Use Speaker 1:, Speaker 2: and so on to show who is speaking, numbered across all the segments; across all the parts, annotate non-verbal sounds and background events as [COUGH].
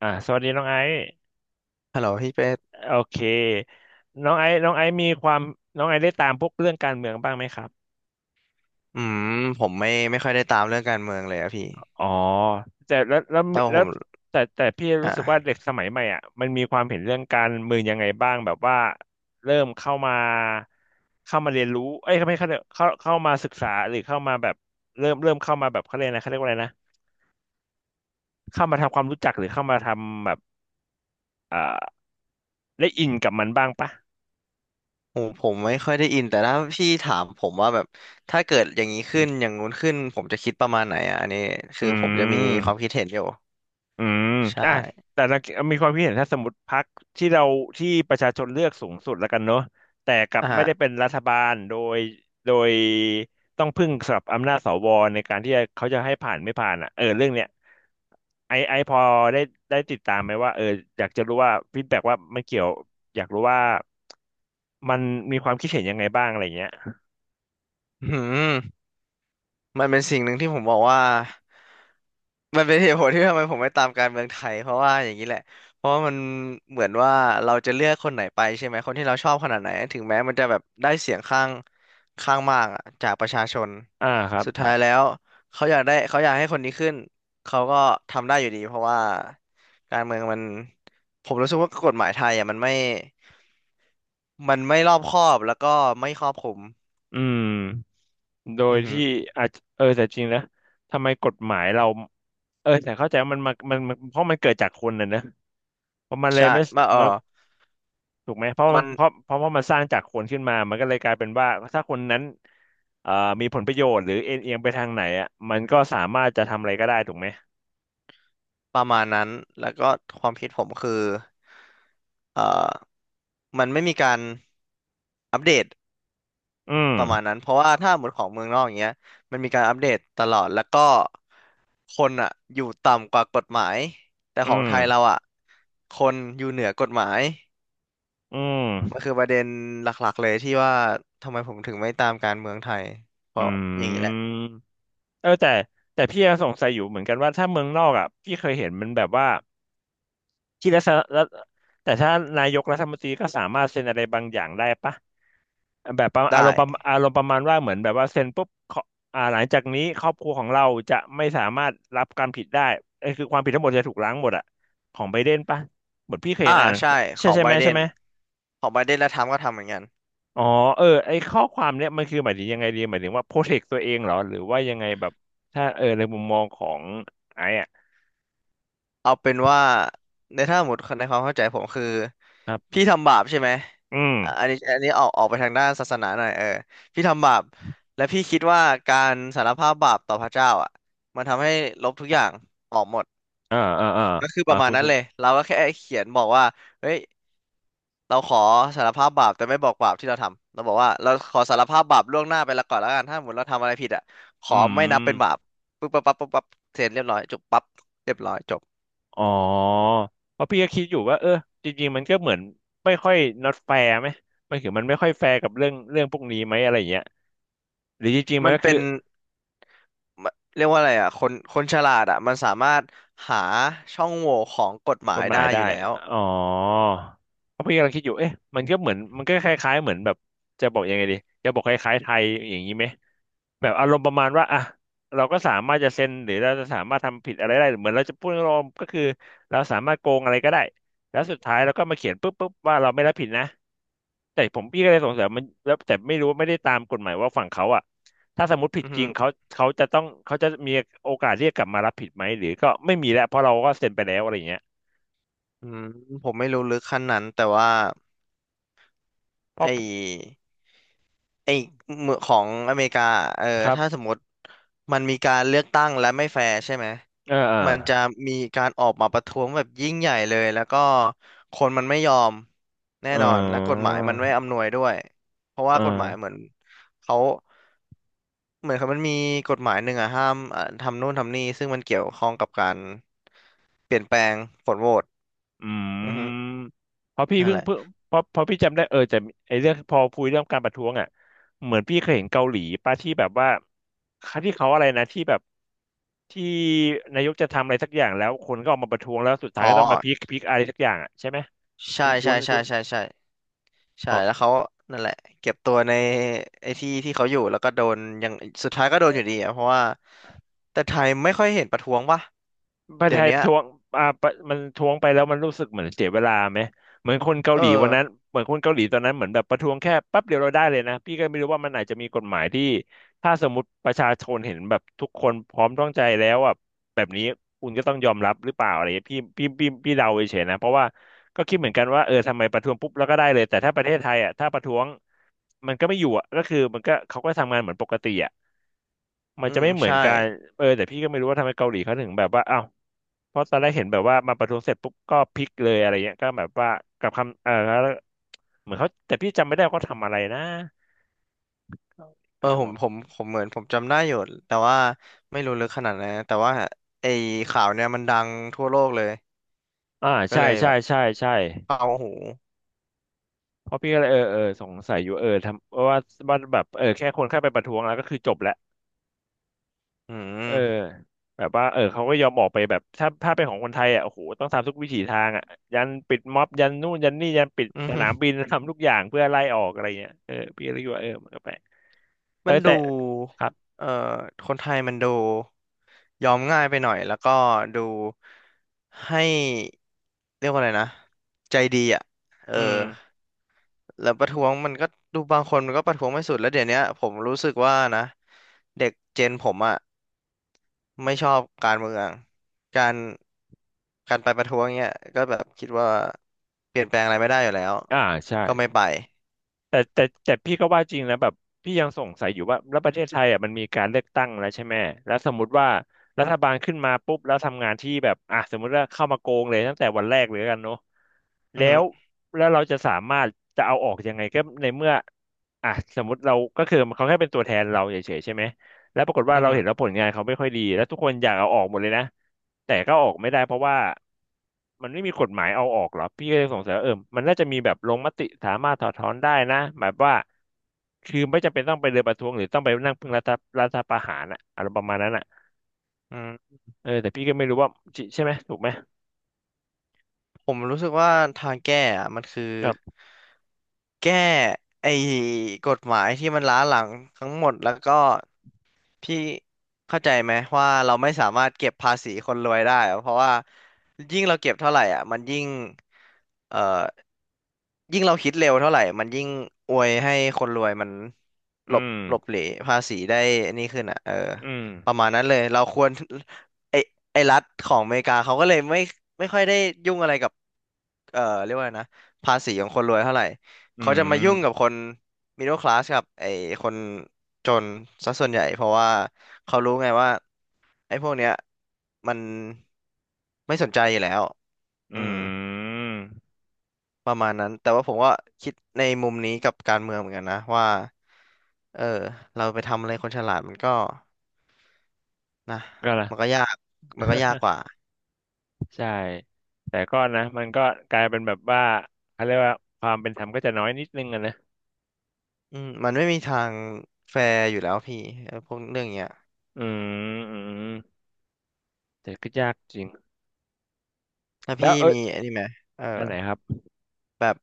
Speaker 1: สวัสดีน้องไอซ์
Speaker 2: ฮัลโหลพี่เป็ด
Speaker 1: โอเคน้องไอซ์มีความน้องไอซ์ได้ตามพวกเรื่องการเมืองบ้างไหมครับ
Speaker 2: อืมผมไม่ค่อยได้ตามเรื่องการเมืองเลยอะพี่
Speaker 1: อ๋อแต่แล้วแล้ว
Speaker 2: แต่วา
Speaker 1: แล้
Speaker 2: ผ
Speaker 1: ว
Speaker 2: ม
Speaker 1: แต่พี่รู้สึกว่า
Speaker 2: อ่ะ
Speaker 1: เด็กสมัยใหม่อ่ะมันมีความเห็นเรื่องการเมืองยังไงบ้างแบบว่าเริ่มเข้ามาเรียนรู้เอ้ยไม่เข้าเข้ามาศึกษาหรือเข้ามาแบบเริ่มเข้ามาแบบเขาเรียกอะไรเขาเรียกว่าอะไรนะเข้ามาทำความรู้จักหรือเข้ามาทำแบบอ่าได้อินกับมันบ้างปะ
Speaker 2: ผมไม่ค่อยได้อินแต่ถ้าพี่ถามผมว่าแบบถ้าเกิดอย่างนี้ขึ้นอย่างงู้นขึ้นผมจะคิดประมาณไหนอ่ะอันนี้คื
Speaker 1: อื
Speaker 2: อผมจะมีความคิ
Speaker 1: ม
Speaker 2: ดเห็นอยู่
Speaker 1: อืม
Speaker 2: ใช่
Speaker 1: อ่ะแต่เรามีความคิดเห็นถ้าสมมติพรรคที่เราที่ประชาชนเลือกสูงสุดแล้วกันเนอะแต่กลับไม่ได้
Speaker 2: อ่ะ
Speaker 1: เป็นรัฐบาลโดยต้องพึ่งสำหรับอำนาจสวในการที่จะเขาจะให้ผ่านไม่ผ่านอ่ะเออเรื่องเนี้ยไอไอพอได้ได้ติดตามไหมว่าเอออยากจะรู้ว่าฟีดแบ็กว่ามันเกี่ยวอยากรู้ว่ามันมีความคิดเห็นยังไงบ้างอะไรเงี้ย
Speaker 2: อืม มันเป็นสิ่งหนึ่งที่ผมบอกว่ามันเป็นเหตุผลที่ทำไมผมไม่ตามการเมืองไทยเพราะว่าอย่างนี้แหละเพราะว่ามันเหมือนว่าเราจะเลือกคนไหนไปใช่ไหมคนที่เราชอบขนาดไหนถึงแม้มันจะแบบได้เสียงข้างมากอะจากประชาชน
Speaker 1: อ่าครับ
Speaker 2: สุดท้ายแล้วเขาอยากได้เขาอยากให้คนนี้ขึ้นเขาก็ทำได้อยู่ดีเพราะว่าการเมืองมันผมรู้สึกว่ากฎหมายไทยอ่ะมันไม่รอบคอบแล้วก็ไม่ครอบคลุม
Speaker 1: อืมโดย
Speaker 2: อือฮึ
Speaker 1: ที่อาจเออแต่จริงนะทำไมกฎหมายเรา เออแต่เข้าใจว่ามันมามันเพราะมันเกิดจากคนน่ะนะเพราะมันเลย
Speaker 2: ใช่
Speaker 1: ไม่
Speaker 2: มา
Speaker 1: มาถูกไหมเพราะมั
Speaker 2: มั
Speaker 1: น
Speaker 2: น
Speaker 1: เพราะมันสร้างจากคนขึ้นมามันก็เลยกลายเป็นว่าถ้าคนนั้นเอ่อมีผลประโยชน์หรือเอ็นเอียงไปทางไหนอ่ะมันก็สามารถจะทำอะไรก็ได้ถูกไหม
Speaker 2: ประมาณนั้นแล้วก็ความคิดผมคือเอ่อมันไม่มีการอัปเดต
Speaker 1: อืม
Speaker 2: ประมาณนั้น เพราะว่าถ้าหมดของเมืองนอกอย่างเงี้ยมันมีการอัปเดตตลอด แล้วก็คนอ่ะอยู่ต่ำกว่ากฎหมาย แต่
Speaker 1: อื
Speaker 2: ของ
Speaker 1: ม
Speaker 2: ไทยเราอ่ะคนอยู่เหนือกฎหมาย
Speaker 1: อื
Speaker 2: มั
Speaker 1: ม
Speaker 2: นคือประเด็นหลักๆเลยที่ว่าทำไมผมถึงไม่ตามการเมืองไทย เพ
Speaker 1: อื
Speaker 2: ราะอย่างนี้แหละ
Speaker 1: มเออแต่พี่ยังสงสัยอยู่เหมือนกันว่าถ้าเมืองนอกอ่ะพี่เคยเห็นมันแบบว่าที่รัฐแต่ถ้านายกรัฐมนตรีก็สามารถเซ็นอะไรบางอย่างได้ปะ แบบ
Speaker 2: ได้
Speaker 1: ประมาณว่าเหมือนแบบว่าเซ็นปุ๊บเขาหลังจากนี้ครอบครัวของเราจะไม่สามารถรับความผิดได้เอ้ยคือความผิดทั้งหมดจะถูกล้างหมดอะของไบเดนปะเหมือนพี่เคย
Speaker 2: อ่า
Speaker 1: เห็นอ่าน
Speaker 2: ใช่ข
Speaker 1: ใช่
Speaker 2: อง
Speaker 1: ใช่
Speaker 2: ไบ
Speaker 1: ไหม
Speaker 2: เด
Speaker 1: ใช่
Speaker 2: น
Speaker 1: ไหม
Speaker 2: ของไบเดนและทรัมป์ก็ทำเหมือนกัน
Speaker 1: อ๋อเออไอข้อความเนี้ยมันคือหมายถึงยังไงดีหมายถึงว่าโปรเทคตัวเองเหรอหรือว่ายังไงแบบถ้าเออในมุมมองของไอ้อะ
Speaker 2: เอาเป็นว่าในถ้าสมมติในความเข้าใจผมคือ
Speaker 1: ครับ
Speaker 2: พี่ทำบาปใช่ไหม
Speaker 1: อืม
Speaker 2: อ่ะอันนี้อันนี้ออกไปทางด้านศาสนาหน่อยพี่ทำบาปและพี่คิดว่าการสารภาพบาปต่อพระเจ้าอ่ะมันทำให้ลบทุกอย่างออกหมด
Speaker 1: อ่าอ่าอ่า
Speaker 2: ก็คือประมา
Speaker 1: คุ
Speaker 2: ณ
Speaker 1: ณ
Speaker 2: นั้น
Speaker 1: คุณ
Speaker 2: เลยเราก็แค่เขียนบอกว่าเฮ้ยเราขอสารภาพบาปแต่ไม่บอกบาปที่เราทำเราบอกว่าเราขอสารภาพบาปล่วงหน้าไปแล้วก่อนแล้วกันถ้าสมมติเราทำอะไรผิดอ่ะข
Speaker 1: อื
Speaker 2: อไม่นับเป็นบาป
Speaker 1: ม
Speaker 2: ปึ๊บปั๊บปั๊บปั๊บปั๊บเสร็จเรียบร้อยจบปั๊บเรียบร้อยจบ
Speaker 1: อ๋อเพราะพี่ก็คิดอยู่ว่าเออจริงๆมันก็เหมือนไม่ค่อย not fair ไหมมันคือมันไม่ค่อยแฟร์กับเรื่องพวกนี้ไหมอะไรอย่างเงี้ยหรือจริงๆมั
Speaker 2: มั
Speaker 1: น
Speaker 2: น
Speaker 1: ก็คื
Speaker 2: เป็
Speaker 1: อ
Speaker 2: นมันเรียกว่าอะไรอ่ะคนคนฉลาดอ่ะมันสามารถหาช่องโหว่ของกฎหมา
Speaker 1: ก
Speaker 2: ย
Speaker 1: ฎหมา
Speaker 2: ได้
Speaker 1: ย
Speaker 2: อยู่
Speaker 1: ได้
Speaker 2: แล้ว
Speaker 1: อ๋อเพราะพี่กำลังคิดอยู่เอ๊ะมันก็เหมือนมันก็คล้ายๆเหมือนแบบจะบอกยังไงดีจะบอกคล้ายๆไทยอย่างนี้ไหมแบบอารมณ์ประมาณว่าอ่ะเราก็สามารถจะเซ็นหรือเราจะสามารถทำผิดอะไรได้เหมือนเราจะพูดรวมก็คือเราสามารถโกงอะไรก็ได้แล้วสุดท้ายเราก็มาเขียนปุ๊บปุ๊บว่าเราไม่รับผิดนะ แต่ผมพี่ก็เลยสงสัยมันแล้วแต่ไม่รู้ไม่ได้ตามกฎหมายว่าฝั่งเขาอ่ะถ้าสมมติผิด
Speaker 2: อือ
Speaker 1: จ
Speaker 2: ฮึ
Speaker 1: ริงเขาเขาจะต้องเขาจะมีโอกาสเรียกกลับมารับผิดไหมหรือก็ไม่มีแล้วเพราะเราก็เซ็นไปแล้วอะไรอย่างเงี้ย
Speaker 2: อืมผมไม่รู้ลึกขั้นนั้นแต่ว่า
Speaker 1: เพ
Speaker 2: ไอ
Speaker 1: ราะ
Speaker 2: ้ไอ้เมืองของอเมริกาเออ
Speaker 1: ครั
Speaker 2: ถ้าส
Speaker 1: บ
Speaker 2: มมติมันมีการเลือกตั้งและไม่แฟร์ใช่ไหม
Speaker 1: เออเออ
Speaker 2: มันจะมีการออกมาประท้วงแบบยิ่งใหญ่เลยแล้วก็คนมันไม่ยอมแน่
Speaker 1: เอ
Speaker 2: นอนและกฎ
Speaker 1: อ
Speaker 2: หมายมันไม่อำนวยด้วยเพราะ
Speaker 1: เอ
Speaker 2: ว่ากฎหมายเหมื
Speaker 1: อ
Speaker 2: อนเขา เหมือนครับมันมีกฎหมายหนึ่งอะห้ามอ่ะทำนู่นทำนี่ซึ่งมันเกี่ยวข้องกับการเปลี่ยนแปลงผลโหวต
Speaker 1: อืม
Speaker 2: อือฮึ
Speaker 1: เพราะพี่
Speaker 2: นั่น
Speaker 1: เพิ่
Speaker 2: แห
Speaker 1: ง
Speaker 2: ละ
Speaker 1: เพิ่งเพราะพี่จำได้เออแต่ไอเรื่องพอพูดเรื่องการประท้วงอ่ะเหมือนพี่เคยเห็นเกาหลีป่ะที่แบบว่าเที่เขาอะไรนะที่แบบที่นายกจะทำอะไรสักอย่างแล้วคนก็ออกมาประท้วงแล้วสุดท้า
Speaker 2: อ๋
Speaker 1: ย
Speaker 2: อ
Speaker 1: ก็ต้องมาพีคอะไรสักอย่างอ่ะใช่ไหมคุณ
Speaker 2: ใช่
Speaker 1: คุ
Speaker 2: ใช่
Speaker 1: ณ
Speaker 2: ใช่
Speaker 1: คุณ
Speaker 2: ใช่ ใช่
Speaker 1: ข
Speaker 2: ใช่
Speaker 1: อ
Speaker 2: แล้วเขานั่นแหละเก็บตัวในไอ้ที่เขาอยู่แล้วก็โดนอย่างสุดท้ายก็โดนอยู่ดีอะเพราะว่าแต่ไทยไม่ค่อยเห็นประท้วงป่ะ
Speaker 1: ประเท
Speaker 2: เดี๋
Speaker 1: ศ
Speaker 2: ยว
Speaker 1: ไทย
Speaker 2: เนี้ย
Speaker 1: ทวงอ่าปะมันทวงไปแล้วมันรู้สึกเหมือนเสียเวลาไหมเหมือนคนเกา
Speaker 2: เอ
Speaker 1: ห
Speaker 2: อ
Speaker 1: ลีวันนั้นเหมือนคนเกาหลีตอนนั้นเหมือนแบบประท้วงแค่แป๊บเดียวเราได้เลยนะพี่ก็ไม่รู้ว่ามันอาจจะมีกฎหมายที่ถ้าสมมติประชาชนเห็นแบบทุกคนพร้อมต้องใจแล้วอ่ะแบบนี้คุณก็ต้องยอมรับหรือเปล่าอะไรเงี้ยพี่เดาเฉยๆนะเพราะว่าก็คิดเหมือนกันว่าเออทำไมประท้วงปุ๊บแล้วก็ได้เลยแต่ถ้าประเทศไทยอ่ะถ้าประท้วงมันก็ไม่อยู่อ่ะก็คือมันก็เขาก็ทำงานเหมือนปกติอ่ะ มันจะไม่เหมือน
Speaker 2: ใช่
Speaker 1: กันเออแต่พี่ก็ไม่รู้ว่าทำไมเกาหลีเขาถึงแบบว่าอ้าวเพราะตอนแรกเห็นแบบว่ามาประท้วงเสร็จปุ๊บก็พลิกเลยอะไรเงี้ยก็แบบว่ากับคำเออแล้วเหมือนเขาแต่พี่จำไม่ได้ว่าเขาทำอะไรนะเกาหลีป
Speaker 2: เออ
Speaker 1: ระ
Speaker 2: ผ
Speaker 1: ท้ว
Speaker 2: ม
Speaker 1: ง
Speaker 2: ผมผมเหมือนผมจำได้อยู่ แต่ว่าไม่รู้ลึกขนาดนั้นนะแต่ว่าไอ้ข่าวเนี่ยมันดังทั่วโลกเลย
Speaker 1: อ่า
Speaker 2: ก็
Speaker 1: ใช่
Speaker 2: เลย
Speaker 1: ใช่
Speaker 2: แบบ
Speaker 1: ใช่ใช่
Speaker 2: เอาโอห
Speaker 1: เพราะพี่ก็เลยเออสงสัยอยู่เออทำว่าว่าแบบเออแค่คนแค่ไปประท้วงแล้วก็คือจบแล้ว
Speaker 2: อื
Speaker 1: เออ
Speaker 2: ม
Speaker 1: แบบว่าเออเขาก็ยอมออกไปแบบถ้าเป็นของคนไทยอ่ะโอ้โหต้องทำทุกวิถีทางอ่ะยันปิดม็อบยันนู่นยันนี่ยันปิด
Speaker 2: อืม
Speaker 1: สนาม
Speaker 2: [LAUGHS]
Speaker 1: บิน [LAUGHS] ทำทุกอย่างเพื่อไล่ออกอะไรเงี้ยเออพี่กเลยคิดว่าเออมันก็แปลกเอ
Speaker 2: มั
Speaker 1: อ
Speaker 2: นดู
Speaker 1: แต่ครับ
Speaker 2: เอ่อคนไทยมันดูยอมง่ายไปหน่อยแล้วก็ดูให้เรียกว่าอะไรนะใจดีอ่ะเออ
Speaker 1: อืม
Speaker 2: แล้วประท้วงมันก็ดูบางคนมันก็ประท้วงไม่สุดแล้วเดี๋ยวเนี้ยผมรู้สึกว่านะเด็กเจนผมอ่ะไม่ชอบการเมืองการการไปประท้วงเนี้ยก็แบบคิดว่าเปลี่ยนแปลงอะไรไม่ได้อยู่แล้ว
Speaker 1: อ่าใช่
Speaker 2: ก็ไม่ไป
Speaker 1: แต่พี่ก็ว่าจริงนะแบบพี่ยังสงสัยอยู่ว่าแล้วประเทศไทยอ่ะมันมีการเลือกตั้งแล้วใช่ไหมแล้วสมมติว่ารัฐบาลขึ้นมาปุ๊บแล้วทำงานที่แบบอ่ะสมมติว่าเข้ามาโกงเลยตั้งแต่วันแรกเลยแล้วกันเนาะ
Speaker 2: อื
Speaker 1: แล้
Speaker 2: อฮึ
Speaker 1: วแล้วเราจะสามารถจะเอาออกยังไงก็ในเมื่ออ่ะสมมติเราก็คือเขาแค่เป็นตัวแทนเราเฉยๆใช่ไหม แล้วปรากฏว่า
Speaker 2: อือ
Speaker 1: เรา
Speaker 2: ฮึ
Speaker 1: เห็นแล้วผลงานเขาไม่ค่อยดีแล้วทุกคนอยากเอาออกหมดเลยนะแต่ก็ออกไม่ได้เพราะว่ามันไม่มีกฎหมายเอาออกเหรอพี่ก็เลยสงสัยว่าเออมันน่าจะมีแบบลงมติสามารถถอดถอนได้นะหมายว่าคือไม่จำเป็นต้องไปเดินประท้วงหรือต้องไปนั่งพึ่งรัฐประหารอะอะไรประมาณนั้นอะ
Speaker 2: อืม
Speaker 1: เออแต่พี่ก็ไม่รู้ว่าจริงใช่ไหมถูกไหม
Speaker 2: ผมรู้สึกว่าทางแก้อะมันคือ
Speaker 1: ครับ
Speaker 2: แก้ไอ้กฎหมายที่มันล้าหลังทั้งหมดแล้วก็พี่เข้าใจไหมว่าเราไม่สามารถเก็บภาษีคนรวยได้อะเพราะว่ายิ่งเราเก็บเท่าไหร่อ่ะมันยิ่งเอ่อ ยิ่งเราคิดเร็วเท่าไหร่ มันยิ่งอวยให้คนรวยมันหล
Speaker 1: อื
Speaker 2: บ
Speaker 1: ม
Speaker 2: หลบเหลภาษีได้อันนี้ขึ้นอ่ะเออ
Speaker 1: อืม
Speaker 2: ประมาณนั้นเลย เราควรไอไอรัฐของอเมริกาเขาก็เลยไม่ค่อยได้ยุ่งอะไรกับเรียกว่าไงนะภาษีของคนรวยเท่าไหร่
Speaker 1: อื
Speaker 2: เขาจะมายุ่งกับ
Speaker 1: ม
Speaker 2: คนมิดเดิลคลาสกับไอคนจนซะส่วนใหญ่เพราะว่าเขารู้ไงว่าไอพวกเนี้ยมันไม่สนใจอยู่แล้ว
Speaker 1: อื
Speaker 2: อืม
Speaker 1: ม
Speaker 2: ประมาณนั้นแต่ว่าผมก็คิดในมุมนี้กับการเมืองเหมือนกันนะว่าเออเราไปทำอะไรคนฉลาดมันก็นะ
Speaker 1: ก็ละ
Speaker 2: มันก็ยากมันก็ยากก
Speaker 1: [LAUGHS]
Speaker 2: ว่า
Speaker 1: ใช่แต่ก็นะมันก็กลายเป็นแบบว่าเขาเรียกว่าความเป็นธรรมก็จะน้อยนิดนึงอะนะ
Speaker 2: มันไม่มีทางแฟร์อยู่แล้วพี่เออพวกเรื่องเนี้ย
Speaker 1: อืมอืมแต่ก็ยากจริง
Speaker 2: ถ้า
Speaker 1: แล้
Speaker 2: พี่
Speaker 1: วเออ
Speaker 2: มีไอันนี้ไหมเออ
Speaker 1: อันไหนครับ
Speaker 2: แบบ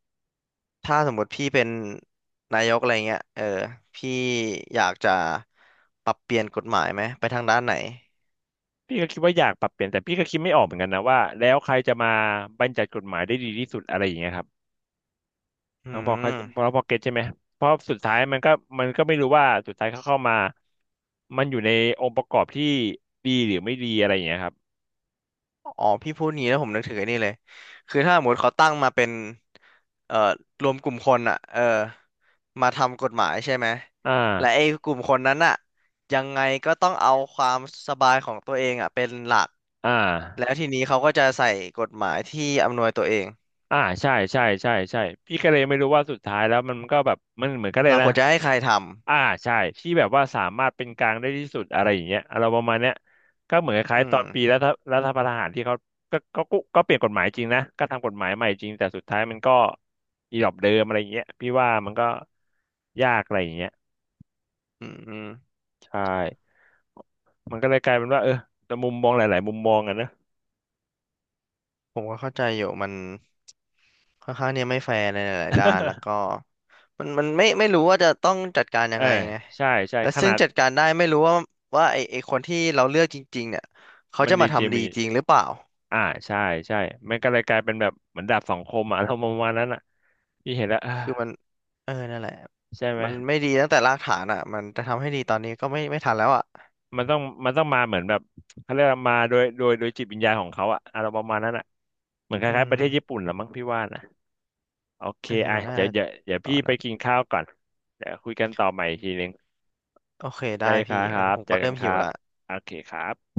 Speaker 2: ถ้าสมมติพี่เป็นนายกอะไรเงี้ยพี่อยากจะปรับเปลี่ยนกฎหมายไหมไปทางด้านไหน
Speaker 1: พี่ก็คิดว่าอยากปรับเปลี่ยนแต่พี่ก็คิดไม่ออกเหมือนกันนะว่าแล้วใครจะมาบัญญัติกฎหมายได้ดีที่สุดอะไรอย่างเงี้ยครับ
Speaker 2: อื
Speaker 1: ทั้งพอเขาพอ
Speaker 2: ม
Speaker 1: พอเก็ตใช่ไหมเพราะสุดท้ายมันก็มันก็ไม่รู้ว่าสุดท้ายเขาเข้ามามันอยู่ในองค์ประกอบที่ดีหรือไม่ดีอะไรอย่างเงี้ยครับ
Speaker 2: อ๋อพี่พูดงี้แล้วผมนึกถึงไอ้นี่เลยคือถ้าสมมติเขาตั้งมาเป็นเอ่อรวมกลุ่มคนอ่ะมาทำกฎหมายใช่ไหม
Speaker 1: อ่า
Speaker 2: และไอ้กลุ่มคนนั้นอ่ะยังไงก็ต้องเอาความสบายของตัวเองอ่ะเป็นหลัก
Speaker 1: อ่า
Speaker 2: แล้วทีนี้เขาก็จะใส่กฎหมายที่อำนวยตัวเอง
Speaker 1: อ่าใช่ใช่ใช่ใช่พี่ก็เลยไม่รู้ว่าสุดท้ายแล้วมันก็แบบมันเหมือนกันเลย
Speaker 2: เราค
Speaker 1: นะ
Speaker 2: วรจะให้ใครท
Speaker 1: อ่าใช่ที่แบบว่าสามารถเป็นกลางได้ที่สุดอะไรอย่างเงี้ยเราประมาณเนี้ยก็เหมือนค
Speaker 2: ำ
Speaker 1: ล้า
Speaker 2: อื
Speaker 1: ยๆตอ
Speaker 2: ม
Speaker 1: นปีรัฐประหารที่เขาก็เปลี่ยนกฎหมายจริงนะก็ทำกฎหมายใหม่จริงแต่สุดท้ายมันก็อีหลอบเดิมอะไรอย่างเงี้ยพี่ว่ามันก็ยากอะไรอย่างเงี้ย
Speaker 2: อืม
Speaker 1: ใช่มันก็เลยกลายเป็นว่าเออแต่มุมมองหลายๆมุมมองอะนะ
Speaker 2: ผมก็เข้าใจอยู่มันค่อนข้างเนี่ยไม่แฟร์ในหลายๆด้านแล้วก็
Speaker 1: [LAUGHS]
Speaker 2: มันไม่รู้ว่าจะต้องจัดการยั
Speaker 1: เอ
Speaker 2: ง
Speaker 1: อ
Speaker 2: ไงไง
Speaker 1: ใช่ใช่
Speaker 2: และ
Speaker 1: ข
Speaker 2: ซึ่
Speaker 1: นา
Speaker 2: ง
Speaker 1: ด
Speaker 2: จัดการได้ไม่รู้ว่าว่าไอคนที่เราเลือกจริงๆเนี่ยเขา
Speaker 1: มัน
Speaker 2: จะ
Speaker 1: ดี
Speaker 2: มา
Speaker 1: จริง
Speaker 2: ทำดีจริงหรือเปล่า
Speaker 1: อ่าใช่ใช่มันก็เลยกลายเป็นแบบเหมือนดาบสองคมอะ [LAUGHS] อารมณ์ประมาณนั้นอ่ะพี่เห็นแล้วอ่า
Speaker 2: คือมันนั่นแหละ
Speaker 1: ใช่ไหม
Speaker 2: มันไม่ดีตั้งแต่รากฐานอ่ะมันจะทำให้ดีตอนนี้ก็ไม่ทันแล้วอ่ะ
Speaker 1: มันต้องมันต้องมาเหมือนแบบเขาเรียกว่ามาโดยจิตวิญญาณของเขาอะอารมณ์ประมาณนั้นอ่ะเหมือนค
Speaker 2: อื
Speaker 1: ล้ายๆป
Speaker 2: ม
Speaker 1: ระเทศญี่ปุ่นละมั้งพี่ว่านะโอเค
Speaker 2: เออ
Speaker 1: อ่ะ
Speaker 2: น่า
Speaker 1: เดี๋ยว
Speaker 2: ตอ
Speaker 1: พี่
Speaker 2: น
Speaker 1: ไป
Speaker 2: นั้น
Speaker 1: กินข้าวก่อนเดี๋ยวคุยกันต่อใหม่อีกทีนึง
Speaker 2: โอเค
Speaker 1: ได้
Speaker 2: ได้
Speaker 1: ครั
Speaker 2: พี่
Speaker 1: บค
Speaker 2: เอ
Speaker 1: รั
Speaker 2: อ
Speaker 1: บ
Speaker 2: ผม
Speaker 1: เจอ
Speaker 2: ก็
Speaker 1: กั
Speaker 2: เริ่
Speaker 1: น
Speaker 2: ม
Speaker 1: ค
Speaker 2: หิ
Speaker 1: รั
Speaker 2: ว
Speaker 1: บ
Speaker 2: ละ
Speaker 1: โอเคครับ